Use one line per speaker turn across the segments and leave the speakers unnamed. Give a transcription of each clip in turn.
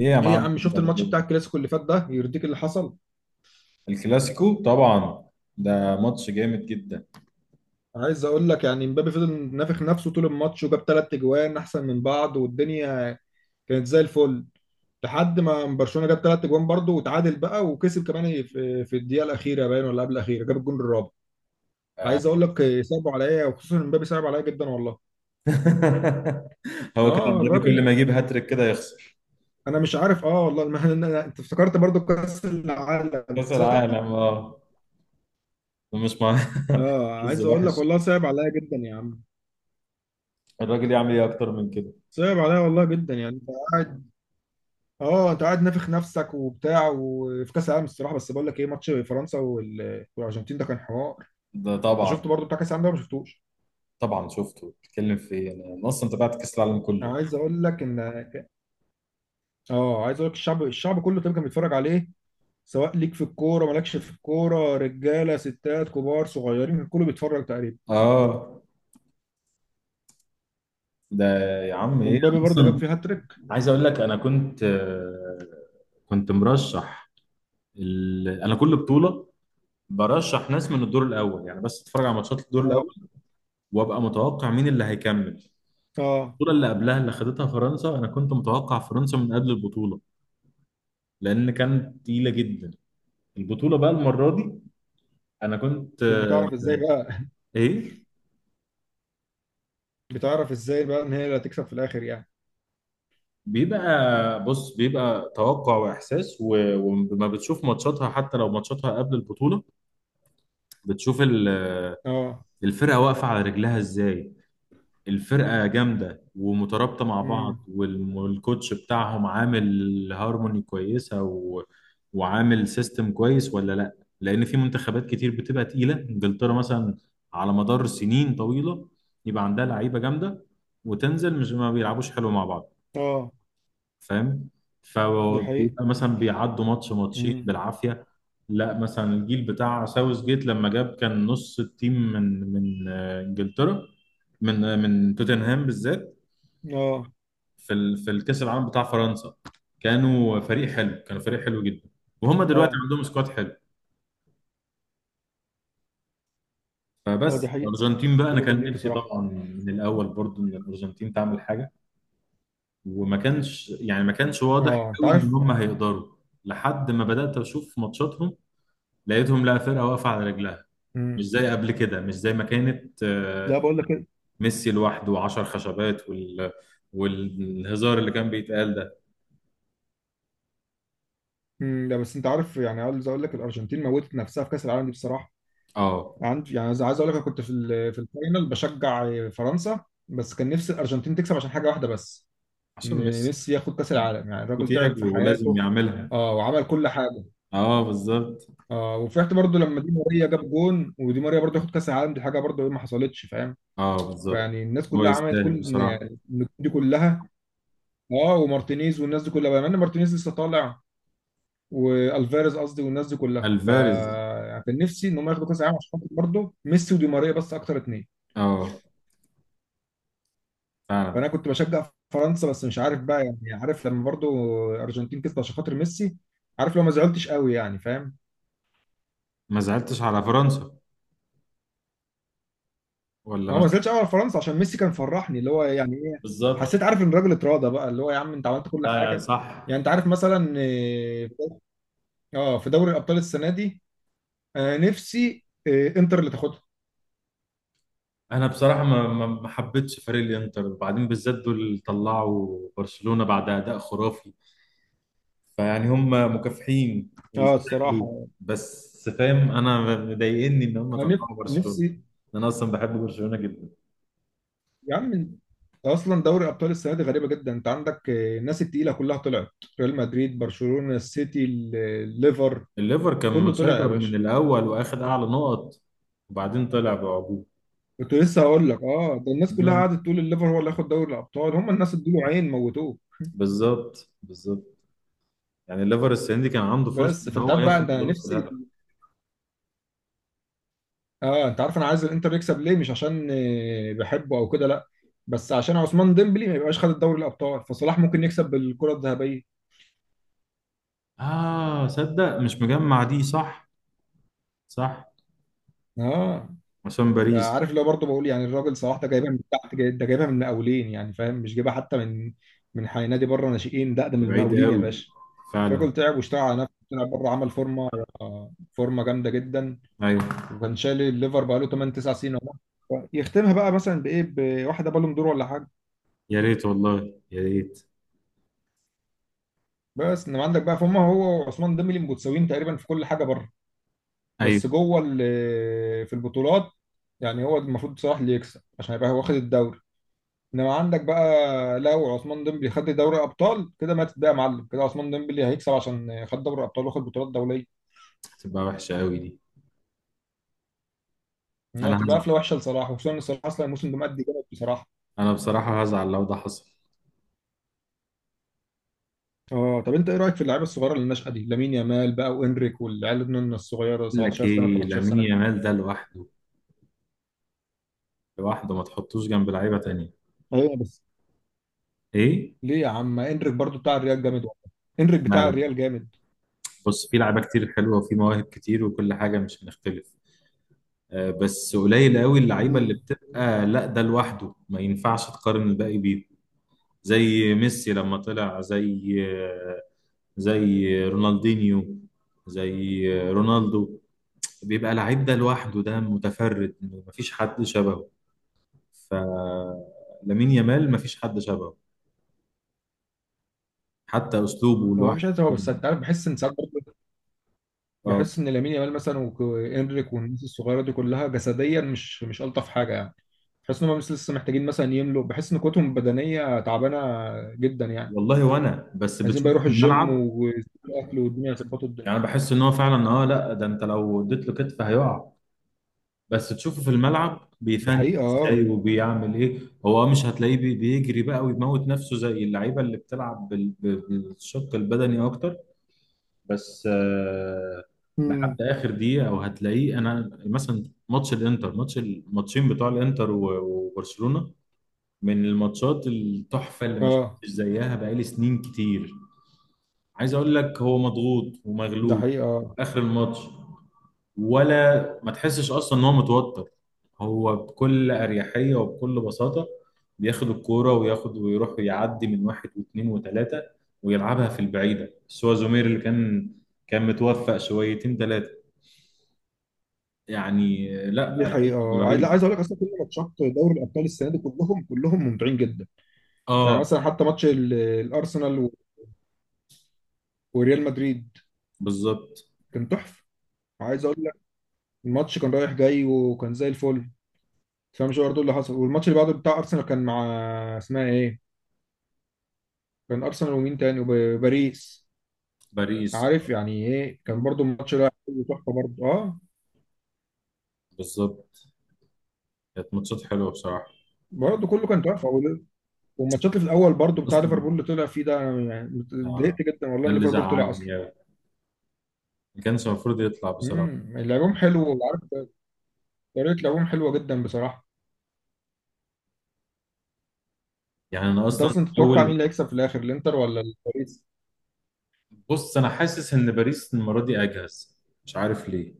ايه يا
ايه يا عم، شفت الماتش بتاع
معلم.
الكلاسيكو اللي فات ده؟ يرضيك اللي حصل؟
الكلاسيكو طبعا. ده ماتش جامد جدا.
عايز اقول لك يعني مبابي فضل نافخ نفسه طول الماتش وجاب ثلاث اجوان احسن من بعض، والدنيا كانت زي الفل. لحد ما برشلونة جاب ثلاث اجوان برضه وتعادل بقى، وكسب كمان في الدقيقة الأخيرة، باين ولا قبل الأخيرة جاب الجون الرابع.
آه.
عايز اقول لك صعب عليا، وخصوصا مبابي صعب عليا جدا والله.
هو كده
اه،
النادي كل
الراجل
ما يجيب هاتريك كده يخسر.
انا مش عارف، اه والله ما أنا- أنا- انت افتكرت برضه كأس العالم
كاس
صح؟
العالم، اه. مش مع.
اه،
حظ
عايز اقول لك
وحش.
والله صعب عليا جدا يا عم.
الراجل يعمل ايه اكتر من كده؟
صعب عليا والله جدا يعني. اه، انت قاعد نافخ نفسك وبتاع، وفي كاس العالم الصراحه، بس بقول لك ايه؟ ماتش فرنسا والارجنتين ده كان حوار.
ده
انت
طبعا.
شفته برضو بتاع كاس العالم ده ولا ما شفتوش؟
طبعا شفته، بتتكلم في ايه؟ أنا اصلا تابعت كاس العالم
انا
كله.
عايز اقول لك ان اه عايز اقول لك الشعب كله تقريبا كان بيتفرج عليه. سواء ليك في الكوره مالكش في الكوره، رجاله ستات كبار صغيرين، كله بيتفرج تقريبا.
اه. ده. يا عم ايه،
ومبابي
انا
برضو جاب
اصلا
فيه هاتريك.
عايز اقول لك انا كنت، كنت مرشح. انا كل بطوله برشح ناس من الدور الاول، يعني بس اتفرج على ماتشات الدور الاول،
اه.
وابقى متوقع مين اللي هيكمل.
اه.
البطوله اللي قبلها اللي خدتها فرنسا، انا كنت متوقع فرنسا من قبل البطوله، لان كانت تقيله جدا. البطوله بقى المره دي انا كنت، آه،
بتعرف ازاي بقى
ايه.
بتعرف ازاي بقى ان هي اللي هتكسب في الاخر يعني.
بيبقى. بص، بيبقى توقع واحساس وما بتشوف ماتشاتها حتى لو ماتشاتها قبل البطوله. بتشوف
اه.
الفرقه واقفه على رجلها ازاي. الفرقة جامدة ومترابطة مع بعض،
امم.
والكوتش بتاعهم عامل هارموني كويسة وعامل سيستم كويس ولا لا. لأن في منتخبات كتير بتبقى تقيلة، إنجلترا مثلا، على مدار سنين طويلة يبقى عندها لعيبة جامدة، وتنزل مش ما بيلعبوش حلو مع بعض.
اه،
فاهم؟
دي حقيقة.
فبيبقى مثلا بيعدوا ماتش ماتشين
امم.
بالعافيه. لا مثلا الجيل بتاع ساوث جيت لما جاب، كان نص التيم من آه، انجلترا، من آه، من توتنهام بالذات.
اه.
في في الكاس العالم بتاع فرنسا. كانوا فريق حلو، كانوا فريق حلو جدا. وهم دلوقتي
اه.
عندهم سكواد حلو.
اه، دي
فبس
حقيقة،
الارجنتين بقى، انا
كلهم
كان
جامدين
نفسي
بصراحة.
طبعا من الاول برضو ان الارجنتين تعمل حاجه. وما كانش يعني ما كانش واضح
اه، انت
قوي ان
عارف.
هم هيقدروا، لحد ما بدات اشوف ماتشاتهم، لقيتهم لا فرقة واقفة على رجلها. مش
امم.
زي قبل كده، مش زي ما كانت، آه،
لا، بقول لك كده.
ميسي لوحده وعشر خشبات والهزار اللي كان بيتقال ده.
امم. لا، بس انت عارف يعني، عايز اقول لك الارجنتين موتت نفسها في كاس العالم دي بصراحة.
اه.
عندي يعني عايز اقول لك، انا كنت في الفاينل بشجع فرنسا، بس كان نفسي الارجنتين تكسب عشان حاجة واحدة بس،
عشان
ان
ميسي
ميسي ياخد كاس العالم، يعني الراجل تعب في
وتياجو لازم
حياته.
يعملها.
اه، وعمل كل حاجة.
اه بالظبط.
اه، وفرحت برضو لما دي ماريا جاب جون، ودي ماريا برضو ياخد كاس العالم، دي حاجة برضو ما حصلتش فاهم.
اه بالظبط.
فيعني الناس
هو
كلها عملت
يستاهل
كل،
بصراحة.
يعني النجوم دي كلها. اه، ومارتينيز والناس دي كلها، بما ان مارتينيز لسه طالع، والفاريز قصدي والناس دي كلها، ف
الفاريز.
يعني كان نفسي ان هم ياخدوا كاس العالم عشان خاطر برضه ميسي ودي ماريا، بس اكتر اتنين.
اه. فعلا.
فانا كنت بشجع فرنسا، بس مش عارف بقى يعني، عارف لما برضه الارجنتين كسبت عشان خاطر ميسي، عارف لو ما زعلتش قوي يعني فاهم.
ما زعلتش على فرنسا ولا
ما هو
ما.
ما زعلتش قوي على فرنسا عشان ميسي كان فرحني، اللي هو يعني ايه،
بالظبط.
حسيت عارف ان الراجل اتراضى بقى، اللي هو يا عم انت عملت كل
لا يعني
حاجه.
صح.
يعني انت عارف مثلا. اه. اه، في دوري الابطال السنه دي، نفسي انتر اللي تاخدها.
انا بصراحة ما حبيتش فريق الانتر، وبعدين بالذات دول اللي طلعوا برشلونة بعد اداء خرافي. فيعني هم مكافحين
اه
ويستاهلوا.
الصراحة.
بس فاهم، انا مضايقني ان هم
انا نف-
طلعوا برشلونه.
نفسي
انا اصلا بحب برشلونه جدا.
يا عم انت، اصلا دوري ابطال السنه دي غريبه جدا، انت عندك الناس التقيله كلها طلعت. ريال مدريد، برشلونه، السيتي، الليفر،
الليفر كان
كله طلع يا
مسيطر
باشا.
من الاول، واخد اعلى نقط. وبعدين طلع بعجوبه.
كنت لسه هقول لك، اه ده الناس كلها
مم.
قعدت تقول الليفر هو اللي هياخد دوري الابطال، هم الناس ادوا له عين موتوه.
بالظبط بالظبط. يعني الليفر السنه دي كان عنده فرصه
بس
ان
فانت
هو
عارف بقى، انت
ياخد بطوله
نفسي.
الهدف.
اه، انت عارف انا عايز الانتر يكسب ليه؟ مش عشان بحبه او كده لا، بس عشان عثمان ديمبلي ما يبقاش خد الدوري الابطال، فصلاح ممكن يكسب بالكره الذهبيه.
اه صدق، مش مجمع دي صح. صح.
اه.
عشان باريس.
عارف اللي هو برضه بقول، يعني الراجل صلاح ده جايبها من تحت، ده جايبها من المقاولين يعني فاهم، مش جايبها حتى من من نادي بره ناشئين، ده ده من
بعيد
المقاولين يا
قوي.
باشا.
فعلا.
الراجل تعب واشتغل على نفسه، طلع بره عمل فورمه، فورمه جامده جدا.
ايوه.
وكان شايل الليفر بقى له 8 9 سنين. اهو يختمها بقى مثلا بايه، بواحده بالون دور ولا حاجه.
يا ريت والله يا ريت.
بس انما عندك بقى فهم، هو وعثمان ديمبلي متساويين تقريبا في كل حاجه بره،
ايوه.
بس جوه في البطولات. يعني هو المفروض صلاح اللي يكسب عشان يبقى هو واخد الدوري. انما عندك بقى، لو عثمان ديمبلي خد دوري ابطال كده ماتت بقى يا معلم، كده عثمان ديمبلي هيكسب عشان خد دوري ابطال واخد بطولات دوليه.
هتبقى وحشه قوي دي.
انها
انا
تبقى
هزعل.
قفله وحشه لصلاح، وخصوصا ان صلاح اصلا الموسم ده مادي جامد بصراحه.
انا بصراحه هزعل لو ده حصل.
اه، طب انت ايه رايك في اللعيبه الصغيره اللي الناشئه دي، لامين يامال بقى وانريك والعيال النن الصغيره،
اقول لك
17 سنه
ايه،
18
لامين
سنه دي؟
يامال ده لوحده، لوحده ما تحطوش جنب لعيبه تانية.
ايوه بس،
ايه.
ليه يا عم؟ انريك برضو بتاع الريال جامد والله، انريك
لا
بتاع
لا.
الريال جامد.
بص، في لعيبه كتير حلوه، وفي مواهب كتير، وكل حاجه مش هنختلف. آه، بس قليل قوي اللعيبه اللي
امم.
بتبقى لا ده لوحده، ما ينفعش تقارن الباقي بيه. زي ميسي لما طلع، زي آه، زي رونالدينيو، زي آه، رونالدو. بيبقى لعيب ده لوحده ده متفرد، مفيش حد شبهه. فلامين يامال مفيش حد شبهه، حتى اسلوبه
هو
لوحده
مش عايز، هو بس
يعني.
انت عارف، بحس ان ساعات
اه
بحس ان لامين يامال مثلا وانريك والناس الصغيره دي كلها جسديا، مش مش الطف حاجه يعني. بحس ان هم بس لسه محتاجين مثلا يملوا، بحس ان قوتهم البدنيه تعبانه جدا يعني.
والله. وانا بس
عايزين بقى
بتشوفه
يروحوا
في
الجيم
الملعب،
والاكل والدنيا، يظبطوا الدنيا.
يعني بحس ان هو فعلا، اه لا ده انت لو اديت له كتف هيقع، بس تشوفه في الملعب
دي
بيفن
حقيقه اه.
ازاي وبيعمل ايه. هو آه، مش هتلاقيه بيجري بقى ويموت نفسه زي اللعيبه اللي بتلعب بالشق البدني اكتر، بس آه لحد
امم.
اخر دقيقه وهتلاقيه. انا مثلا ماتش الانتر، ماتش الماتشين بتوع الانتر وبرشلونه، من الماتشات التحفة اللي ما
اه،
شفتش زيها بقالي سنين كتير. عايز اقول لك، هو مضغوط
ده
ومغلوب
حقيقه آه.
اخر الماتش، ولا ما تحسش اصلا ان هو متوتر. هو بكل اريحية وبكل بساطة بياخد الكورة وياخد ويروح ويعدي من واحد واثنين وثلاثة، ويلعبها في البعيدة. بس هو زومير اللي كان، كان متوفق شويتين ثلاثة، يعني
دي
لا لعيب
حقيقه آه. عايز، لا
رهيب.
عايز اقول لك اصلا كل ماتشات دوري الابطال السنه دي كلهم، كلهم ممتعين جدا. يعني
اه
مثلا حتى ماتش الارسنال وريال مدريد،
بالظبط.
كان تحفه. عايز اقول لك، الماتش كان رايح جاي وكان زي الفل. تفهمش برضه اللي حصل. والماتش اللي بعده بتاع ارسنال كان مع، اسمها ايه، كان ارسنال ومين تاني؟ وباريس.
باريس.
عارف يعني ايه، كان برضه الماتش ده كله تحفه برضه اه.
بالظبط. كانت ماتشات حلوة بصراحة.
برضه كله كان تحفه، والماتشات اللي في الاول برضه
بس
بتاع ليفربول اللي طلع فيه ده، أنا يعني
آه،
اتضايقت جدا والله
ده
ان
اللي
ليفربول طلع اصلا.
زعلني أوي. ما كانش المفروض يطلع بصراحة.
امم. لعبهم حلو وعارف، طريقه لعبهم حلوه جدا بصراحه.
يعني أنا
انت
أصلا
اصلا تتوقع مين
أول.
اللي هيكسب في الاخر، الانتر ولا باريس؟
بص، أنا حاسس إن باريس المرة دي أجهز، مش عارف ليه.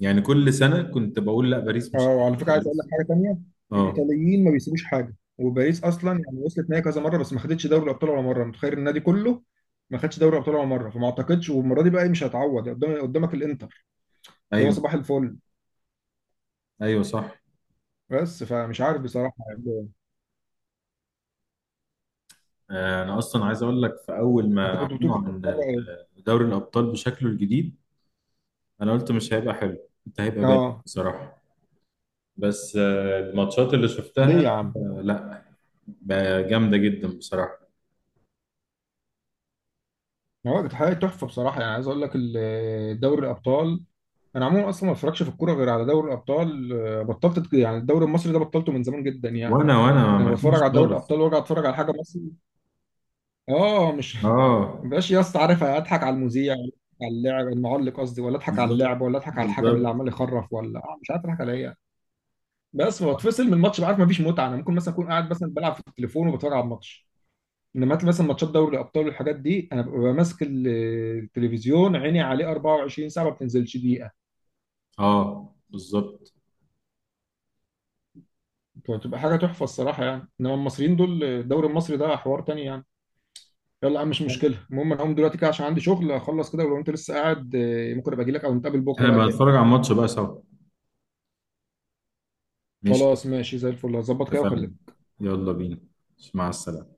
يعني كل سنة كنت بقول لا باريس مش
اه، وعلى
هتاخد
فكره
لا
عايز اقول لك
باريس.
حاجه تانيه.
أه.
الايطاليين ما بيسيبوش حاجه، وباريس اصلا يعني وصلت نهائي كذا مره بس ما خدتش دوري الابطال ولا مره، متخيل النادي كله ما خدش دوري الابطال ولا مره. فما اعتقدش والمره دي بقى إيه، مش هتعوض، قدامك الانتر اللي هو
أيوه.
صباح الفل.
أيوه صح.
بس فمش عارف بصراحه يعني.
آه، أنا أصلا عايز أقول لك، في أول
انت
ما
كنت بتقول
أعلنوا
كنت
عن
بتتفرج ايه؟
دوري الأبطال بشكله الجديد، أنا قلت مش هيبقى حلو، كنت هيبقى باين
اه.
بصراحة. بس آه، الماتشات اللي شفتها،
ليه يا عم؟
آه، لا، بقى جامدة جدا بصراحة.
هو كانت حاجه تحفه بصراحه، يعني عايز اقول لك دوري الابطال، انا عموما اصلا ما بتفرجش في الكوره غير على دوري الابطال، بطلت يعني الدوري المصري ده بطلته من زمان جدا يعني.
وأنا
لما
ما
بتفرج
فيش
على دوري
خالص.
الابطال وارجع اتفرج على حاجه مصري، اه مش
أه
مبقاش يا اسطى عارف اضحك على المذيع، ولا أضحك على اللاعب المعلق قصدي، ولا اضحك على
بالظبط
اللاعب، ولا اضحك على الحكم اللي
بالظبط.
عمال يخرف، ولا آه مش عارف اضحك على ايه يعني. بس بتفصل من الماتش، بعرف مفيش متعه. انا ممكن مثلا اكون قاعد مثلا بلعب في التليفون وبتفرج على الماتش. انما مثلا ماتشات دوري الابطال والحاجات دي انا ببقى ماسك التلفزيون، عيني عليه 24 ساعه ما بتنزلش دقيقه.
اه بالظبط.
بتبقى حاجه تحفه الصراحه يعني. انما المصريين دول، الدوري المصري ده حوار تاني يعني. يلا يا عم، مش مشكله. المهم انا هقوم دلوقتي كده عشان عندي شغل اخلص كده، ولو انت لسه قاعد ممكن ابقى اجي لك او نتقابل بكره
احنا
بقى
بقى
تاني.
نتفرج على الماتش بقى سوا. ماشي.
خلاص ماشي، زي الفل، هظبط كده
اتفقنا.
واكلمك.
يلا بينا. مع السلامة.